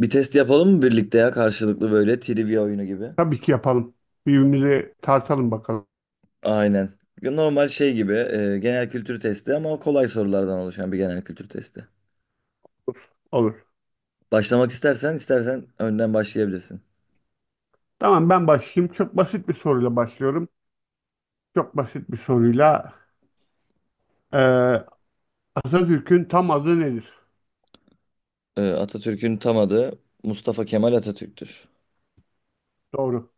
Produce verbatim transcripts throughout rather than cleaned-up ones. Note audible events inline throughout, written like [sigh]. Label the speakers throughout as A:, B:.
A: Bir test yapalım mı birlikte ya karşılıklı böyle trivia oyunu gibi?
B: Tabii ki yapalım. Birbirimize tartalım bakalım.
A: Aynen. Normal şey gibi e, genel kültür testi ama kolay sorulardan oluşan bir genel kültür testi.
B: Olur. Olur.
A: Başlamak istersen istersen önden başlayabilirsin.
B: Tamam, ben başlayayım. Çok basit bir soruyla başlıyorum. Çok basit bir soruyla. Ee, Atatürk'ün tam adı nedir?
A: E, Atatürk'ün tam adı Mustafa Kemal Atatürk'tür.
B: Doğru.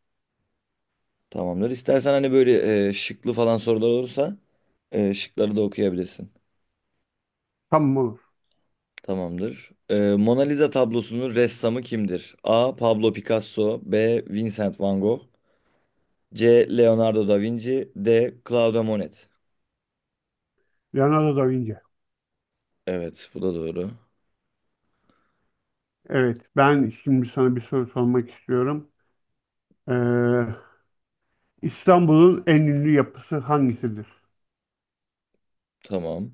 A: Tamamdır. İstersen hani böyle e, şıklı falan sorular olursa e, şıkları da okuyabilirsin.
B: Tamam, olur.
A: Tamamdır. E, Mona Lisa tablosunun ressamı kimdir? A. Pablo Picasso, B. Vincent Van Gogh, C. Leonardo da Vinci, D. Claude Monet.
B: Leonardo da Vinci.
A: Evet, bu da doğru.
B: Evet, ben şimdi sana bir soru sormak istiyorum. Ee, İstanbul'un en ünlü yapısı hangisidir?
A: Tamam.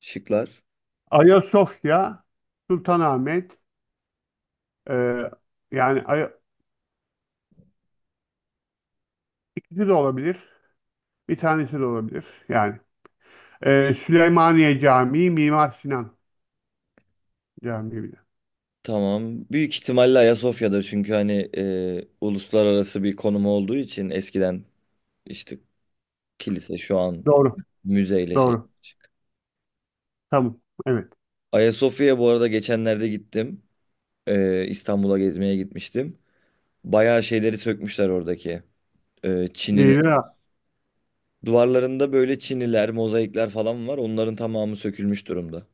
A: Şıklar.
B: Ayasofya, Sultanahmet, ee, yani Ay- ikisi de olabilir. Bir tanesi de olabilir. Yani. Ee, Süleymaniye Camii, Mimar Sinan. Camiye
A: Tamam. Büyük ihtimalle Ayasofya'dır, çünkü hani e, uluslararası bir konumu olduğu için eskiden işte kilise, şu an
B: Doğru.
A: müzeyle şey.
B: Doğru. Tamam. Evet.
A: Ayasofya'ya bu arada geçenlerde gittim. E, İstanbul'a gezmeye gitmiştim. Bayağı şeyleri sökmüşler oradaki. E, Çinili.
B: Değildir ha.
A: Duvarlarında böyle çiniler, mozaikler falan var. Onların tamamı sökülmüş durumda.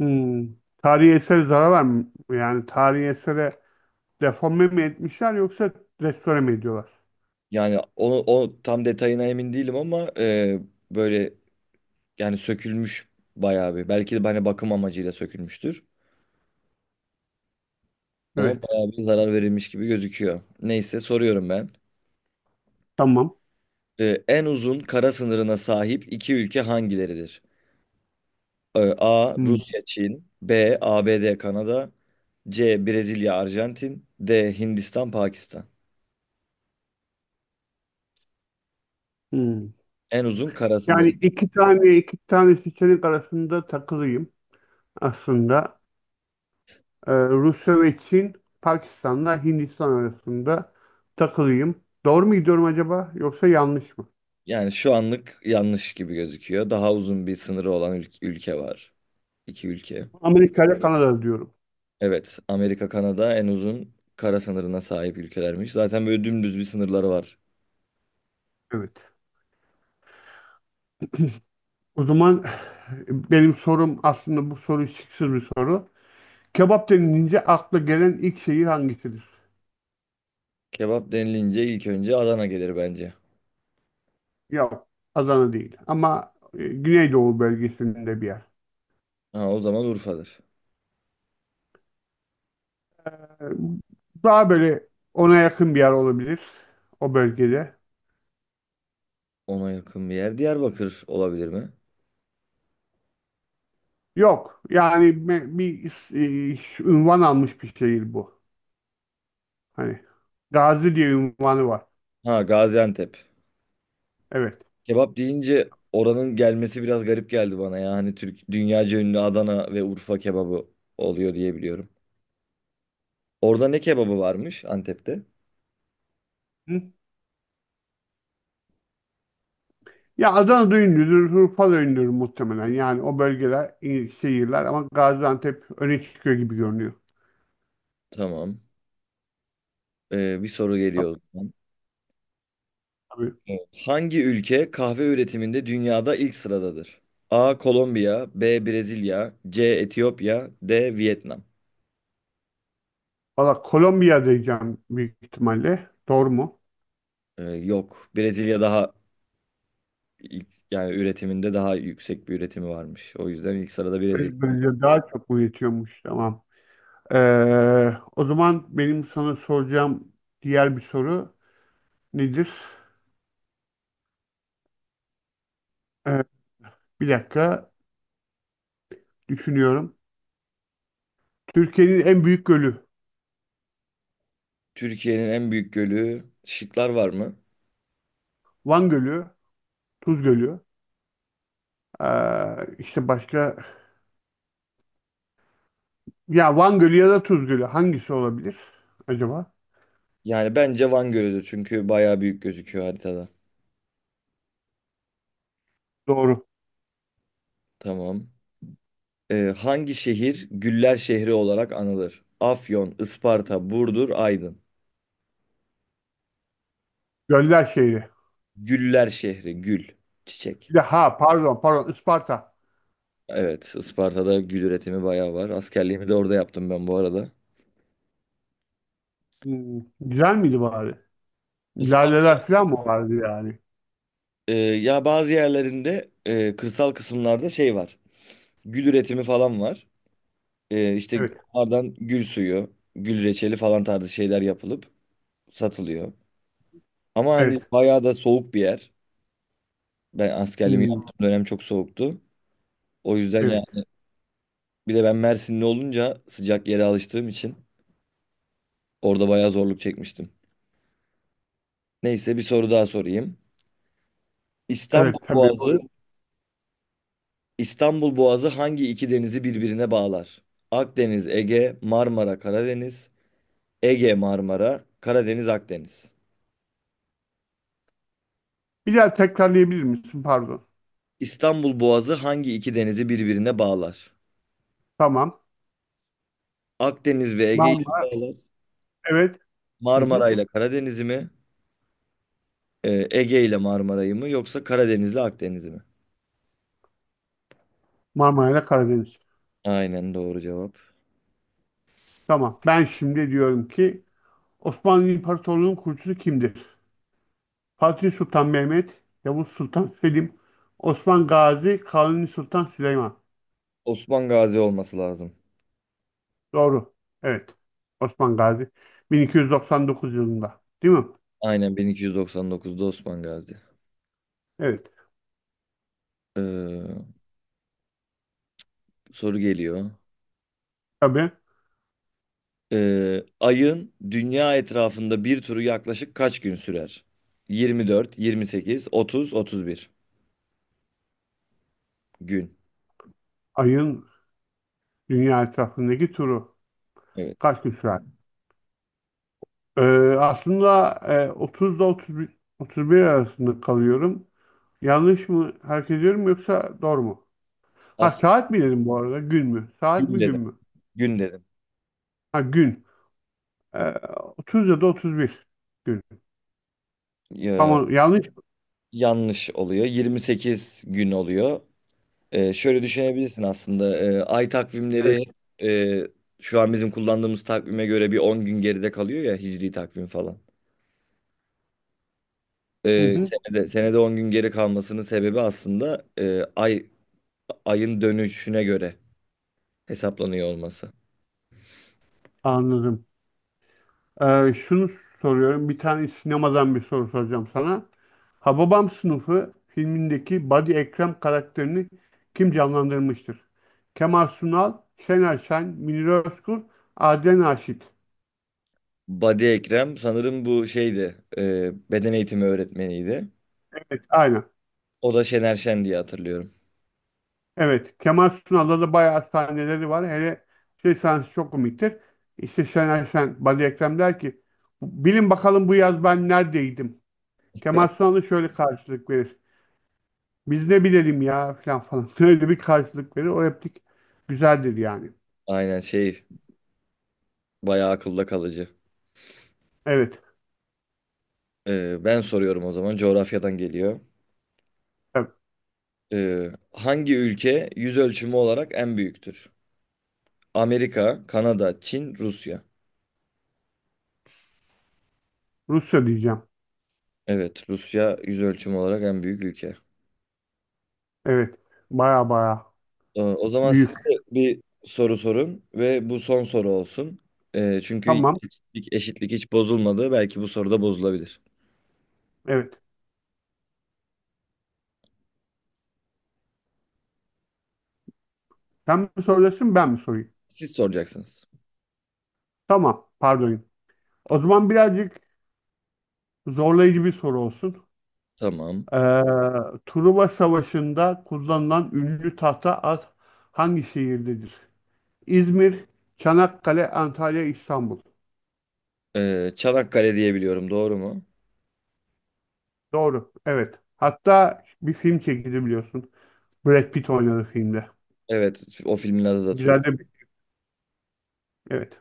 B: Hmm. Tarihi eser zarar var mı? Yani tarihi esere deforme mi etmişler yoksa restore mi ediyorlar?
A: Yani onu o tam detayına emin değilim ama e, böyle yani sökülmüş bayağı bir. Belki de hani bakım amacıyla sökülmüştür. Ama
B: Evet.
A: bayağı bir zarar verilmiş gibi gözüküyor. Neyse soruyorum ben.
B: Tamam.
A: E, en uzun kara sınırına sahip iki ülke hangileridir? E, A.
B: Hmm.
A: Rusya, Çin. B. A B D, Kanada. C. Brezilya, Arjantin. D. Hindistan, Pakistan.
B: Hmm.
A: En uzun kara sınırı.
B: Yani iki tane iki tane seçenek arasında takılıyım aslında. Ee, Rusya ve Çin, Pakistan'la Hindistan arasında takılıyım. Doğru mu gidiyorum acaba yoksa yanlış mı?
A: Yani şu anlık yanlış gibi gözüküyor. Daha uzun bir sınırı olan ül- ülke var. İki ülke.
B: Amerika ile Kanada diyorum.
A: Evet, Amerika, Kanada en uzun kara sınırına sahip ülkelermiş. Zaten böyle dümdüz bir sınırları var.
B: Evet. O zaman benim sorum aslında bu soru şıksız bir soru. Kebap denilince akla gelen ilk şehir hangisidir?
A: Kebap denilince ilk önce Adana gelir bence.
B: Yok, Adana değil ama e, Güneydoğu bölgesinde bir yer.
A: Ha, o zaman Urfa'dır.
B: E, Daha böyle ona yakın bir yer olabilir o bölgede.
A: Ona yakın bir yer Diyarbakır olabilir mi?
B: Yok, yani me- bir e, ş- ünvan almış bir şehir bu. Hani Gazi diye ünvanı var.
A: Ha, Gaziantep.
B: Evet.
A: Kebap deyince oranın gelmesi biraz garip geldi bana ya. Hani Türk, dünyaca ünlü Adana ve Urfa kebabı oluyor diye biliyorum. Orada ne kebabı varmış Antep'te?
B: Ya Adana ünlüdür, Urfa da ünlüdür muhtemelen. Yani o bölgeler, iyi şehirler ama Gaziantep öne çıkıyor gibi görünüyor.
A: Tamam. Ee, bir soru geliyor o zaman.
B: Tabii.
A: Evet. Hangi ülke kahve üretiminde dünyada ilk sıradadır? A. Kolombiya, B. Brezilya, C. Etiyopya, D. Vietnam.
B: Valla Kolombiya diyeceğim büyük ihtimalle. Doğru mu?
A: Ee, yok. Brezilya daha ilk- yani üretiminde daha yüksek bir üretimi varmış. O yüzden ilk sırada Brezilya.
B: Brezilya daha çok mu yetiyormuş? Tamam. Ee, o zaman benim sana soracağım diğer bir soru nedir? Ee, Bir dakika düşünüyorum. Türkiye'nin en büyük gölü.
A: Türkiye'nin en büyük gölü, şıklar var mı?
B: Van Gölü, Tuz Gölü. Ee, işte başka Ya Van Gölü ya da Tuz Gölü hangisi olabilir acaba?
A: Yani bence Van Gölü'dür, çünkü bayağı büyük gözüküyor haritada.
B: Doğru.
A: Tamam. Ee, hangi şehir Güller şehri olarak anılır? Afyon, Isparta, Burdur, Aydın.
B: Göller şehri.
A: Güller şehri, gül, çiçek.
B: Bir de ha, pardon pardon Isparta.
A: Evet, Isparta'da gül üretimi bayağı var. Askerliğimi de orada yaptım ben bu arada.
B: Hmm, güzel miydi bari?
A: Isparta,
B: Laleler falan mı vardı yani?
A: Ee, ya bazı yerlerinde e, kırsal kısımlarda şey var. Gül üretimi falan var. Ee, işte
B: Evet.
A: onlardan gül suyu, gül reçeli falan tarzı şeyler yapılıp satılıyor. Ama hani
B: Evet.
A: bayağı da soğuk bir yer. Ben askerliğimi
B: Hmm,
A: yaptığım dönem çok soğuktu. O yüzden yani
B: evet.
A: bir de ben Mersinli olunca sıcak yere alıştığım için orada bayağı zorluk çekmiştim. Neyse, bir soru daha sorayım. İstanbul
B: Evet, tabii. Buyur.
A: Boğazı, İstanbul Boğazı hangi iki denizi birbirine bağlar? Akdeniz, Ege, Marmara, Karadeniz, Ege, Marmara, Karadeniz, Akdeniz.
B: Bir daha tekrarlayabilir misin? Pardon.
A: İstanbul Boğazı hangi iki denizi birbirine bağlar?
B: Tamam.
A: Akdeniz ve Ege'yi,
B: Marmara. Evet. Hı hı.
A: Marmara ile Karadeniz'i mi, e, Ege ile Marmara'yı mı, yoksa Karadeniz ile Akdeniz'i mi?
B: Marmara ile Karadeniz.
A: Aynen, doğru cevap.
B: Tamam. Ben şimdi diyorum ki Osmanlı İmparatorluğu'nun kurucusu kimdir? Fatih Sultan Mehmet, Yavuz Sultan Selim, Osman Gazi, Kanuni Sultan Süleyman.
A: Osman Gazi olması lazım.
B: Doğru. Evet. Osman Gazi bin iki yüz doksan dokuz yılında. Değil mi?
A: Aynen, bin iki yüz doksan dokuzda Osman Gazi.
B: Evet.
A: Ee, Soru geliyor.
B: Tabii,
A: Ee, ayın dünya etrafında bir turu yaklaşık kaç gün sürer? yirmi dört, yirmi sekiz, otuz, otuz bir gün.
B: ayın dünya etrafındaki turu
A: Evet.
B: kaç gün sürer? Ee, aslında e, otuzda otuz bir, otuz bir arasında kalıyorum. Yanlış mı hareket ediyorum yoksa doğru mu? Ha,
A: Aslında
B: saat mi dedim bu arada? Gün mü? Saat
A: gün
B: mi, gün
A: dedim.
B: mü?
A: Gün dedim.
B: Ha, gün. Ee, otuz ya da otuz bir gün.
A: Ee,
B: Tamam, yanlış mı?
A: Yanlış oluyor. yirmi sekiz gün oluyor. Ee, şöyle düşünebilirsin aslında. Ee, ay
B: Evet.
A: takvimleri e, şu an bizim kullandığımız takvime göre bir on gün geride kalıyor ya, hicri takvim falan.
B: Hı
A: Ee,
B: hı,
A: senede, senede on gün geri kalmasının sebebi aslında e, ay ayın dönüşüne göre hesaplanıyor olması.
B: anladım. Ee, şunu soruyorum. Bir tane sinemadan bir soru soracağım sana. Hababam Sınıfı filmindeki Badi Ekrem karakterini kim canlandırmıştır? Kemal Sunal, Şener Şen, Münir Özkul, Adile Naşit.
A: Badi Ekrem sanırım bu şeydi, e, beden eğitimi öğretmeniydi.
B: Evet, aynen.
A: O da Şener Şen diye hatırlıyorum.
B: Evet, Kemal Sunal'da da bayağı sahneleri var. Hele şey sahnesi çok komiktir. İşte Şener Şen, Badi Ekrem der ki, bilin bakalım bu yaz ben neredeydim? Kemal Sunal'ı şöyle karşılık verir. Biz ne bilelim ya, falan falan. [laughs] Öyle bir karşılık verir. O replik güzeldir yani.
A: Aynen şey, bayağı akılda kalıcı.
B: Evet.
A: Ee, ben soruyorum o zaman, coğrafyadan geliyor.
B: Evet.
A: Ee, hangi ülke yüz ölçümü olarak en büyüktür? Amerika, Kanada, Çin, Rusya.
B: Rusya diyeceğim.
A: Evet, Rusya yüz ölçümü olarak en büyük ülke.
B: Evet. Baya baya
A: Ee, O zaman siz
B: büyük.
A: de bir soru sorun ve bu son soru olsun. Ee, çünkü
B: Tamam.
A: eşitlik, eşitlik hiç bozulmadı. Belki bu soruda bozulabilir.
B: Evet. Sen mi soruyorsun, ben mi sorayım?
A: Siz soracaksınız.
B: Tamam. Pardon. O zaman birazcık zorlayıcı bir soru olsun.
A: Tamam.
B: Ee, Truva Savaşı'nda kullanılan ünlü tahta at hangi şehirdedir? İzmir, Çanakkale, Antalya, İstanbul.
A: Ee, Çanakkale diye biliyorum, doğru mu?
B: Doğru. Evet. Hatta bir film çekildi biliyorsun. Brad Pitt oynadı filmde.
A: Evet, o filmin adı da
B: Güzel
A: Truva.
B: de bir... Evet.